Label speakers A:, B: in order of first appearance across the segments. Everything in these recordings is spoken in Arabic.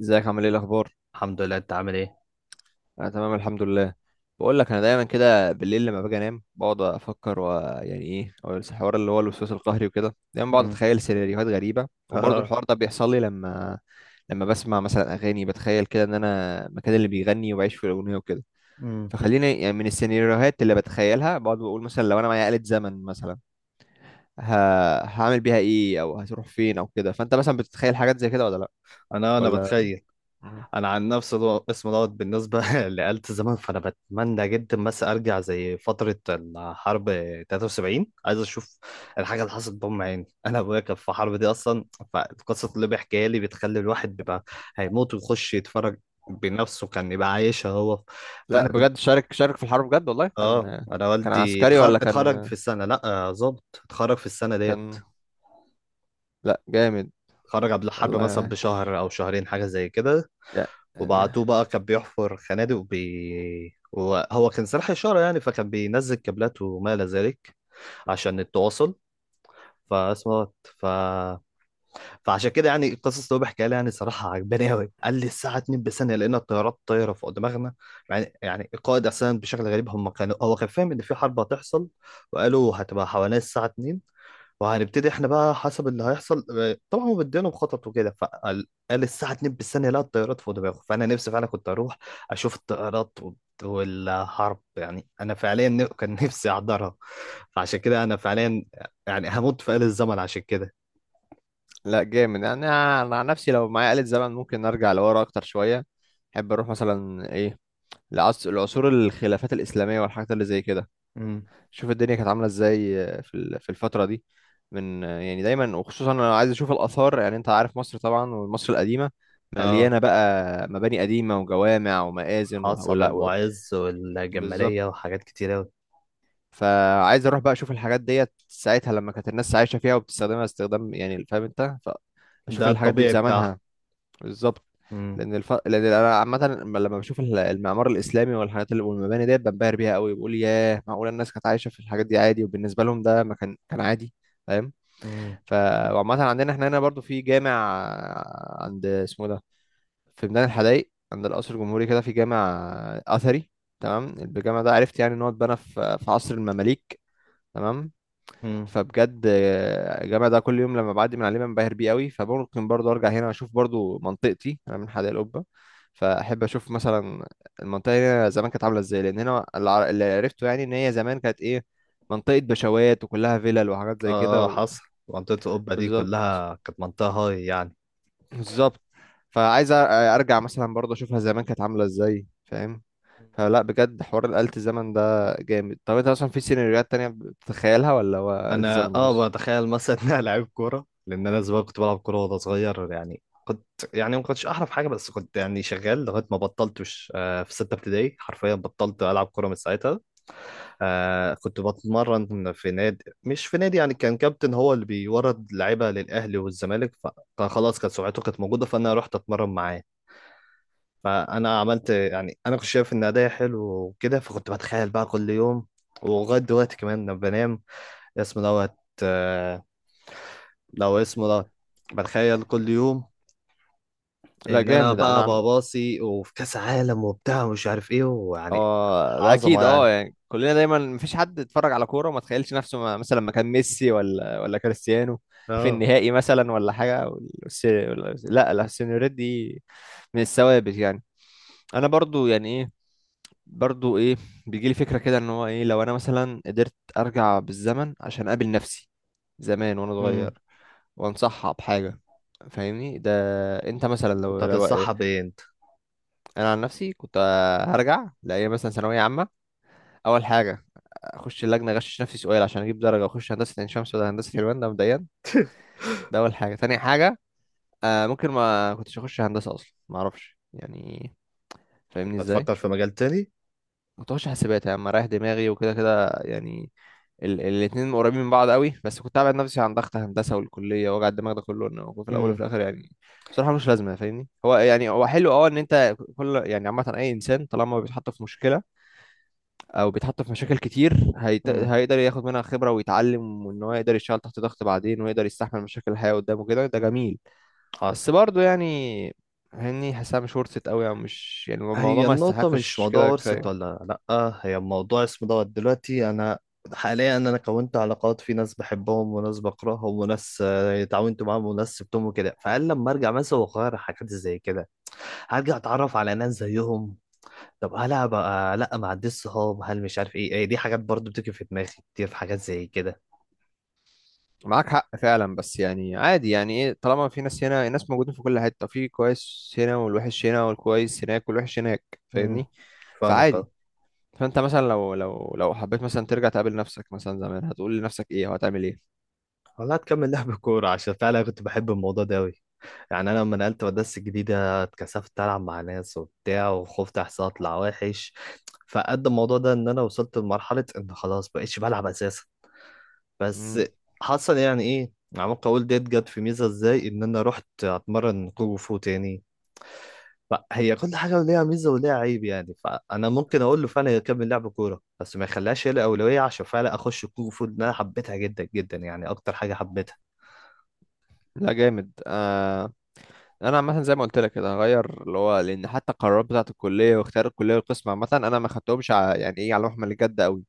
A: ازيك؟ عامل ايه؟ الاخبار؟
B: الحمد لله. انت عامل ايه؟
A: انا تمام، الحمد لله. بقول لك، انا دايما كده بالليل لما باجي انام بقعد افكر ويعني ايه او الحوار اللي هو الوسواس القهري وكده. دايما بقعد
B: امم.
A: اتخيل سيناريوهات غريبه، وبرضه
B: اه.
A: الحوار ده بيحصل لي لما بسمع مثلا اغاني بتخيل كده ان انا مكان اللي بيغني وبعيش في الاغنيه وكده.
B: امم.
A: فخليني يعني من السيناريوهات اللي بتخيلها بقعد بقول مثلا لو انا معايا آلة زمن مثلا ه... هعمل بيها ايه، او هتروح فين، او كده. فانت مثلا بتتخيل حاجات زي كده ولا لا؟
B: انا
A: ولا
B: بتخيل. انا عن نفس اسم دوت بالنسبه لآلة الزمن، فانا بتمنى جدا بس ارجع زي فتره الحرب 73. عايز اشوف الحاجه اللي حصلت بام عيني. انا ابويا كان في الحرب دي اصلا، فالقصه اللي بيحكيها لي بتخلي الواحد بيبقى هيموت ويخش يتفرج بنفسه، كان يبقى عايشها هو.
A: لا،
B: فانا كنت،
A: بجد شارك شارك في الحرب بجد؟ والله
B: اه،
A: كان
B: انا
A: كان
B: والدي
A: عسكري
B: اتخرج
A: ولا
B: اتخرج في
A: كان
B: السنه، لا آه، ظابط اتخرج في السنه ديت.
A: كان لا جامد،
B: خرج قبل الحرب مثلا
A: والله
B: بشهر او شهرين حاجه زي كده،
A: يا- يعني.
B: وبعتوه بقى كان بيحفر خنادق وبي وهو كان سلاح اشاره، يعني فكان بينزل كابلات وما الى ذلك عشان التواصل. فاسمه ف... فعشان كده يعني القصص اللي هو بيحكيها لي يعني صراحه عجباني قوي. قال لي الساعه 2 بثانيه لقينا الطيارات طايره فوق دماغنا. يعني القائد اصلا بشكل غريب، هم كانوا، هو كان فاهم ان في حرب هتحصل، وقالوا هتبقى حوالين الساعه 2 وهنبتدي احنا بقى حسب اللي هيحصل آه، طبعا هو مدينهم خطط وكده. فقال قال الساعه 2 بالثانيه لا الطيارات فوق دماغه. فانا نفسي فعلا كنت اروح اشوف الطيارات والحرب، يعني انا فعليا كان نفسي احضرها. فعشان كده انا فعليا يعني هموت في آل الزمن عشان كده.
A: لا جامد، يعني انا عن نفسي لو معايا آلة زمن ممكن ارجع لورا اكتر شوية. احب اروح مثلا ايه، لعصور الخلافات الإسلامية والحاجات اللي زي كده.
B: امم.
A: شوف الدنيا كانت عاملة ازاي في الفترة دي. من يعني دايما، وخصوصا انا عايز اشوف الآثار. يعني انت عارف مصر طبعا، ومصر القديمة
B: اه،
A: مليانة بقى مباني قديمة وجوامع ومآذن
B: حصل المعز
A: بالظبط.
B: والجمالية وحاجات كتير أوي.
A: فعايز اروح بقى اشوف الحاجات ديت ساعتها لما كانت الناس عايشه فيها وبتستخدمها استخدام، يعني فاهم انت؟ فاشوف
B: ده
A: الحاجات دي في
B: الطبيعي بتاعه.
A: زمانها. بالظبط.
B: مم.
A: لان انا عامه لما بشوف المعمار الاسلامي والحاجات والمباني ديت بنبهر بيها قوي، بقول ياه، معقوله الناس كانت عايشه في الحاجات دي عادي؟ وبالنسبه لهم ده ما كان عادي. فاهم؟
B: مم.
A: ف وعامه، عندنا احنا هنا برضو في جامع. عند اسمه ده، في ميدان الحدايق، عند القصر الجمهوري، كده في جامع اثري، تمام؟ الجامع ده عرفت يعني ان هو اتبنى في عصر المماليك، تمام؟
B: مم.
A: فبجد الجامع ده كل يوم لما بعدي من عليه بنبهر بيه قوي. فممكن برضو ارجع هنا، اشوف برضو منطقتي. انا من حدائق القبه، فاحب اشوف مثلا المنطقه هنا زمان كانت عامله ازاي. لان هنا اللي عرفته يعني ان هي زمان كانت ايه، منطقه بشوات وكلها فيلل وحاجات زي
B: اه
A: كده
B: اه حصل، منطقة القبة دي
A: بالظبط،
B: كلها كانت منطقة هاي يعني.
A: بالظبط. فعايز ارجع مثلا برضو اشوفها زمان كانت عامله ازاي، فاهم؟ فلا بجد حوار آلة الزمن ده جامد. طب انت اصلا في سيناريوهات تانية بتتخيلها ولا هو آلة
B: انا
A: الزمن ده
B: اه
A: بس؟
B: بتخيل مثلا ان انا لعيب كوره، لان انا زمان كنت بلعب كوره وانا صغير يعني. كنت يعني ما كنتش احرف حاجه، بس كنت يعني شغال لغايه ما بطلتش آه، في سته ابتدائي حرفيا بطلت العب كوره من ساعتها. آه، كنت بتمرن في نادي، مش في نادي يعني، كان كابتن هو اللي بيورد لعيبه للاهلي والزمالك، فخلاص كانت سمعته كانت موجوده فانا رحت اتمرن معاه. فانا عملت يعني، انا كنت شايف ان اداء حلو وكده، فكنت بتخيل بقى كل يوم ولغايه دلوقتي كمان لما بنام اسم دوت آه، لو اسمه ده بتخيل كل يوم
A: لا
B: ان انا
A: جامد.
B: بقى
A: انا
B: بباصي وفي كاس عالم وبتاع ومش عارف ايه ويعني
A: اه ده
B: عظمه
A: اكيد. اه
B: يعني.
A: يعني كلنا دايما، مفيش حد اتفرج على كوره وما تخيلش نفسه مثلا ما كان ميسي ولا كريستيانو في
B: اه.
A: النهائي مثلا، ولا حاجه. لا لا، السينيوريت دي من الثوابت يعني. انا برضو يعني ايه برضو ايه بيجي لي فكره كده، ان هو ايه، لو انا مثلا قدرت ارجع بالزمن عشان اقابل نفسي زمان وانا
B: امم.
A: صغير وانصحها بحاجه، فاهمني ده؟ انت مثلا
B: كنت
A: لو.
B: هتتصحى ايه انت؟
A: انا عن نفسي كنت هرجع لايام مثلا ثانويه عامه. اول حاجه، اخش اللجنه اغشش نفسي سؤال عشان اجيب درجه واخش هندسه عين شمس ولا هندسه حلوان، ده مبدئيا. ده اول حاجه. تاني حاجه، آه ممكن ما كنتش اخش هندسه اصلا، ما اعرفش يعني،
B: كنت
A: فاهمني ازاي؟
B: هتفكر في مجال تاني.
A: كنت اخش حاسبات يا عم، رايح دماغي، وكده كده يعني. الاتنين قريبين من بعض قوي، بس كنت ابعد نفسي عن ضغط هندسه والكليه ووجع الدماغ ده كله. انه هو في الاول وفي
B: امم.
A: الاخر يعني بصراحه مش لازمه، فاهمني؟ هو يعني حلو اه ان انت، يعني عامه، اي انسان طالما بيتحط في مشكله او بيتحط في مشاكل كتير
B: امم.
A: هيقدر ياخد منها خبره ويتعلم، وان هو يقدر يشتغل تحت ضغط بعدين ويقدر يستحمل مشاكل الحياه قدامه كده، ده جميل. بس
B: حصل.
A: برضه يعني هني حاسها مش ورثت قوي، او مش يعني الموضوع
B: هي
A: ما
B: النقطة مش
A: يستحقش
B: موضوع
A: كده،
B: ورثة
A: كفايه.
B: ولا لأ، هي موضوع اسمه دوت. دلوقتي أنا حاليا أنا كونت علاقات في ناس بحبهم وناس بكرههم وناس آه، اتعاونت معاهم وناس سبتهم وكده، فقال لما أرجع مثلا وأغير حاجات زي كده هرجع أتعرف على ناس زيهم. طب هلا بقى لا ما عنديش صحاب، هل مش عارف ايه، إيه دي حاجات برضو بتيجي في دماغي كتير، في حاجات زي كده.
A: معاك حق فعلا، بس يعني عادي يعني ايه، طالما في ناس هنا، الناس موجودين في كل حته، في كويس هنا والوحش هنا، والكويس هناك والوحش هناك،
B: امم.
A: فاهمني؟
B: فاهمك
A: فعادي.
B: اه.
A: فانت مثلا لو لو حبيت مثلا ترجع تقابل نفسك مثلا زمان، هتقول لنفسك ايه وهتعمل ايه؟
B: والله هتكمل لعب كورة عشان فعلا كنت بحب الموضوع ده أوي. يعني أنا لما نقلت مدرسة جديدة اتكسفت ألعب مع ناس وبتاع، وخفت أحسن أطلع وحش، فقد الموضوع ده إن أنا وصلت لمرحلة إن خلاص بقيتش بلعب أساسا. بس
A: مم.
B: حصل يعني إيه، عمال أقول ديت جت في ميزة إزاي، إن أنا رحت أتمرن كونغ فو تاني. فهي كل حاجة ليها ميزة وليها عيب يعني، فأنا ممكن أقول له فعلا يكمل لعب كورة بس ما يخليهاش هي الأولوية، عشان فعلا أخش كونغ فو لأن أنا حبيتها جدا جدا يعني، أكتر حاجة حبيتها.
A: لا جامد. انا عامه زي ما قلت لك كده هغير، اللي هو لان حتى القرارات بتاعه الكليه واختيار الكليه والقسم عامه انا ما خدتهمش يعني ايه، على محمل الجد قوي،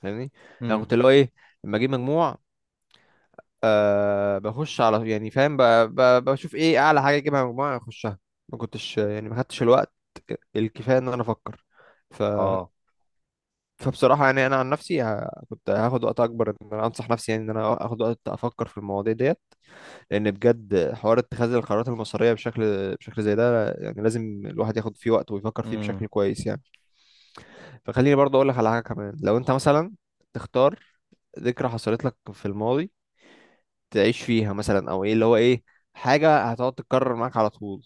A: فاهمني؟ انا
B: امم.
A: كنت، اللي هو ايه، لما اجيب مجموع بخش على، يعني فاهم، بشوف ايه اعلى حاجه اجيبها مجموع اخشها. ما كنتش يعني ما خدتش الوقت الكفايه ان انا افكر ف
B: أه.
A: فبصراحه يعني انا عن نفسي كنت هاخد وقت اكبر، ان انا انصح نفسي يعني، ان انا اخد وقت افكر في المواضيع ديت. لان بجد حوار اتخاذ القرارات المصيريه بشكل زي ده يعني لازم الواحد ياخد فيه وقت ويفكر فيه بشكل
B: امم.
A: كويس يعني. فخليني برضه اقول لك على حاجه كمان. لو انت مثلا تختار ذكرى حصلت لك في الماضي تعيش فيها مثلا، او ايه، اللي هو ايه، حاجه هتقعد تتكرر معاك على طول،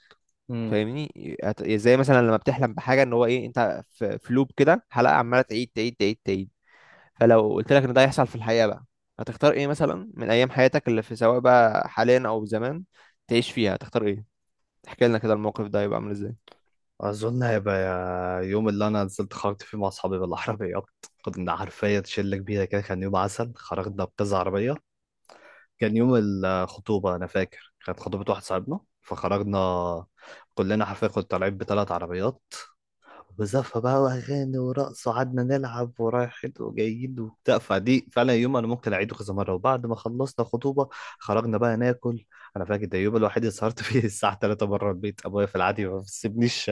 B: امم.
A: فاهمني؟ زي مثلا لما بتحلم بحاجه، ان هو ايه، انت في لوب كده، حلقه عماله تعيد تعيد تعيد تعيد. فلو قلت لك ان ده هيحصل في الحقيقه بقى، هتختار ايه مثلا من ايام حياتك اللي في، سواء بقى حاليا او زمان، تعيش فيها؟ هتختار ايه؟ احكي لنا كده الموقف ده هيبقى عامل ازاي.
B: أظن هيبقى يوم اللي أنا نزلت خرجت فيه مع أصحابي بالعربيات. كنا عارفية شلة كبيرة كده، كان يوم عسل، خرجنا بكذا عربية. كان يوم الخطوبة، أنا فاكر كانت خطوبة واحد صاحبنا، فخرجنا كلنا حرفيا كنا طالعين بثلاث عربيات وزفة بقى وأغاني ورقص، وقعدنا نلعب ورايحين وجايين وبتاع. فدي فعلا يوم أنا ممكن أعيده كذا مرة. وبعد ما خلصنا خطوبة خرجنا بقى ناكل. أنا فاكر ده اليوم الوحيد اللي سهرت فيه الساعة 3 بره البيت، أبويا في العادي ما بيسيبنيش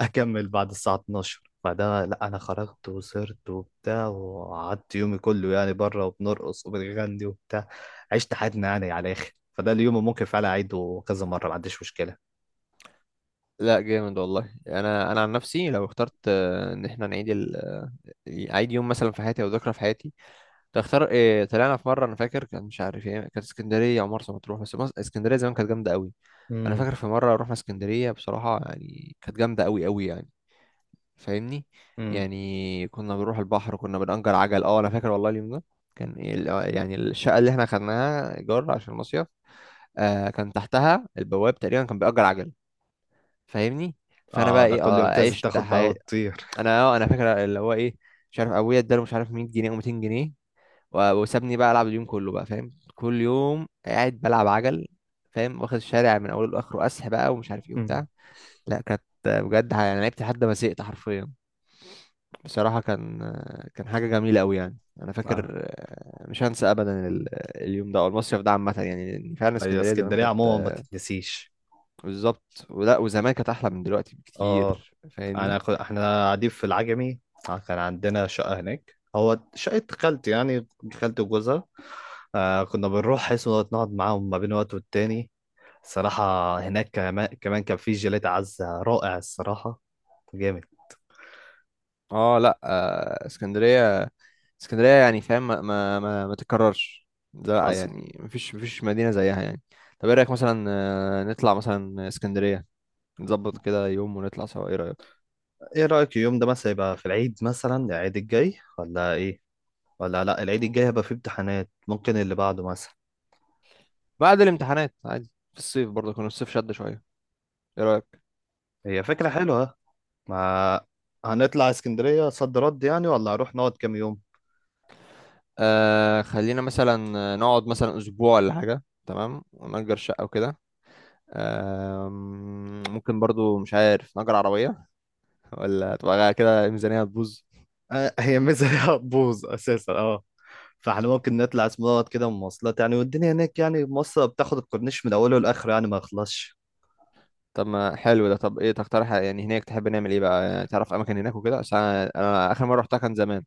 B: أكمل بعد الساعة 12. فده لا أنا خرجت وسهرت وبتاع وقعدت يومي كله يعني بره، وبنرقص وبنغني وبتاع، عشت حياتنا يعني على الآخر. فده اليوم اللي ممكن فعلا أعيده كذا مرة، ما عنديش مشكلة.
A: لا جامد والله. انا عن نفسي لو اخترت ان احنا نعيد عيد يوم مثلا في حياتي، او ذكرى في حياتي، كنت اختار إيه؟ طلعنا في مره، انا فاكر، كان مش عارف ايه، كانت اسكندريه او مرسى مطروح، بس اسكندريه زمان كانت جامده قوي. انا
B: امم.
A: فاكر في مره رحنا اسكندريه، بصراحه يعني كانت جامده قوي قوي يعني، فاهمني؟
B: امم.
A: يعني كنا بنروح البحر، كنا بنأجر عجل. اه انا فاكر والله اليوم ده كان إيه يعني الشقه اللي احنا خدناها ايجار عشان المصيف، كان تحتها البواب تقريبا كان بيأجر عجل، فاهمني؟ فانا
B: اه،
A: بقى
B: ده
A: ايه،
B: كل يوم تنزل
A: عشت
B: تاخد بقى
A: حياتي.
B: وتطير.
A: انا فاكر، اللي هو ايه، مش عارف ابويا اداله مش عارف 100 جنيه او 200 جنيه، وسابني بقى العب اليوم كله بقى، فاهم؟ كل يوم قاعد بلعب عجل، فاهم، واخد الشارع من اوله لاخره، اسح بقى ومش عارف ايه
B: مم.
A: وبتاع. لا كانت بجد انا لعبت لحد ما زهقت حرفيا، بصراحة. كان حاجة جميلة قوي يعني. انا
B: اه،
A: فاكر مش هنسى ابدا اليوم ده او المصيف ده عامة يعني، لأن فعلا
B: هي
A: اسكندرية زمان
B: اسكندريه
A: كانت
B: عموما ما
A: آه،
B: تتنسيش.
A: بالظبط، ولا وزمان كانت احلى من دلوقتي
B: اه،
A: بكتير، فاهمني؟
B: انا احنا قاعدين في العجمي آه، كان عندنا شقه هناك، هو شقه خالتي يعني، خالتي وجوزها. آه كنا بنروح حيث نقعد معاهم ما بين وقت والتاني، صراحه. هناك كمان كمان كان في جيلاتي عزه رائع الصراحه، جامد.
A: اه لا، اسكندريه، اسكندريه يعني فاهم، ما تتكررش. لا
B: حصل.
A: يعني مفيش مدينه زيها يعني. طب ايه رايك مثلا نطلع مثلا اسكندريه، نظبط كده يوم ونطلع سوا، ايه رايك؟
B: ايه رايك اليوم ده مثلا يبقى في العيد مثلا، العيد الجاي ولا ايه؟ ولا لا العيد الجاي هيبقى فيه امتحانات، ممكن اللي بعده مثلا.
A: بعد الامتحانات عادي في الصيف، برضه كان الصيف شد شويه، ايه رايك؟
B: هي فكره حلوه. ما هنطلع اسكندرية صد رد يعني ولا هنروح نقعد كام يوم؟
A: خلينا مثلا نقعد مثلا اسبوع ولا حاجه، تمام؟ ونأجر شقه وكده. ممكن برضو، مش عارف، نأجر عربيه، ولا تبقى كده الميزانيه هتبوظ.
B: آه هي ميزة هتبوظ أساسا اه، فاحنا ممكن نطلع اسم دوت كده مواصلات يعني، والدنيا هناك يعني مصر بتاخد، الكورنيش من أوله لآخره يعني ما يخلصش.
A: طب ما حلو ده. طب ايه تقترح يعني هناك، تحب نعمل ايه بقى يعني، تعرف اماكن هناك وكده؟ عشان انا اخر مره رحتها كان زمان.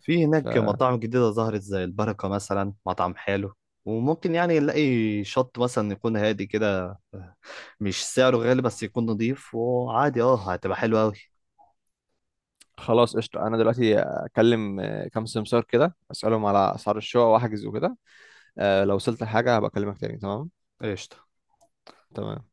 B: في هناك مطاعم جديدة ظهرت زي البركة مثلا، مطعم حلو. وممكن يعني نلاقي شط مثلا يكون هادي كده، مش سعره غالي بس يكون نضيف وعادي، اه هتبقى حلوة أوي.
A: فخلاص قشطه، انا دلوقتي اكلم كام سمسار كده، اسالهم على اسعار الشقق واحجز وكده. لو وصلت لحاجه هبقى اكلمك تاني، تمام؟
B: قشطة.
A: تمام.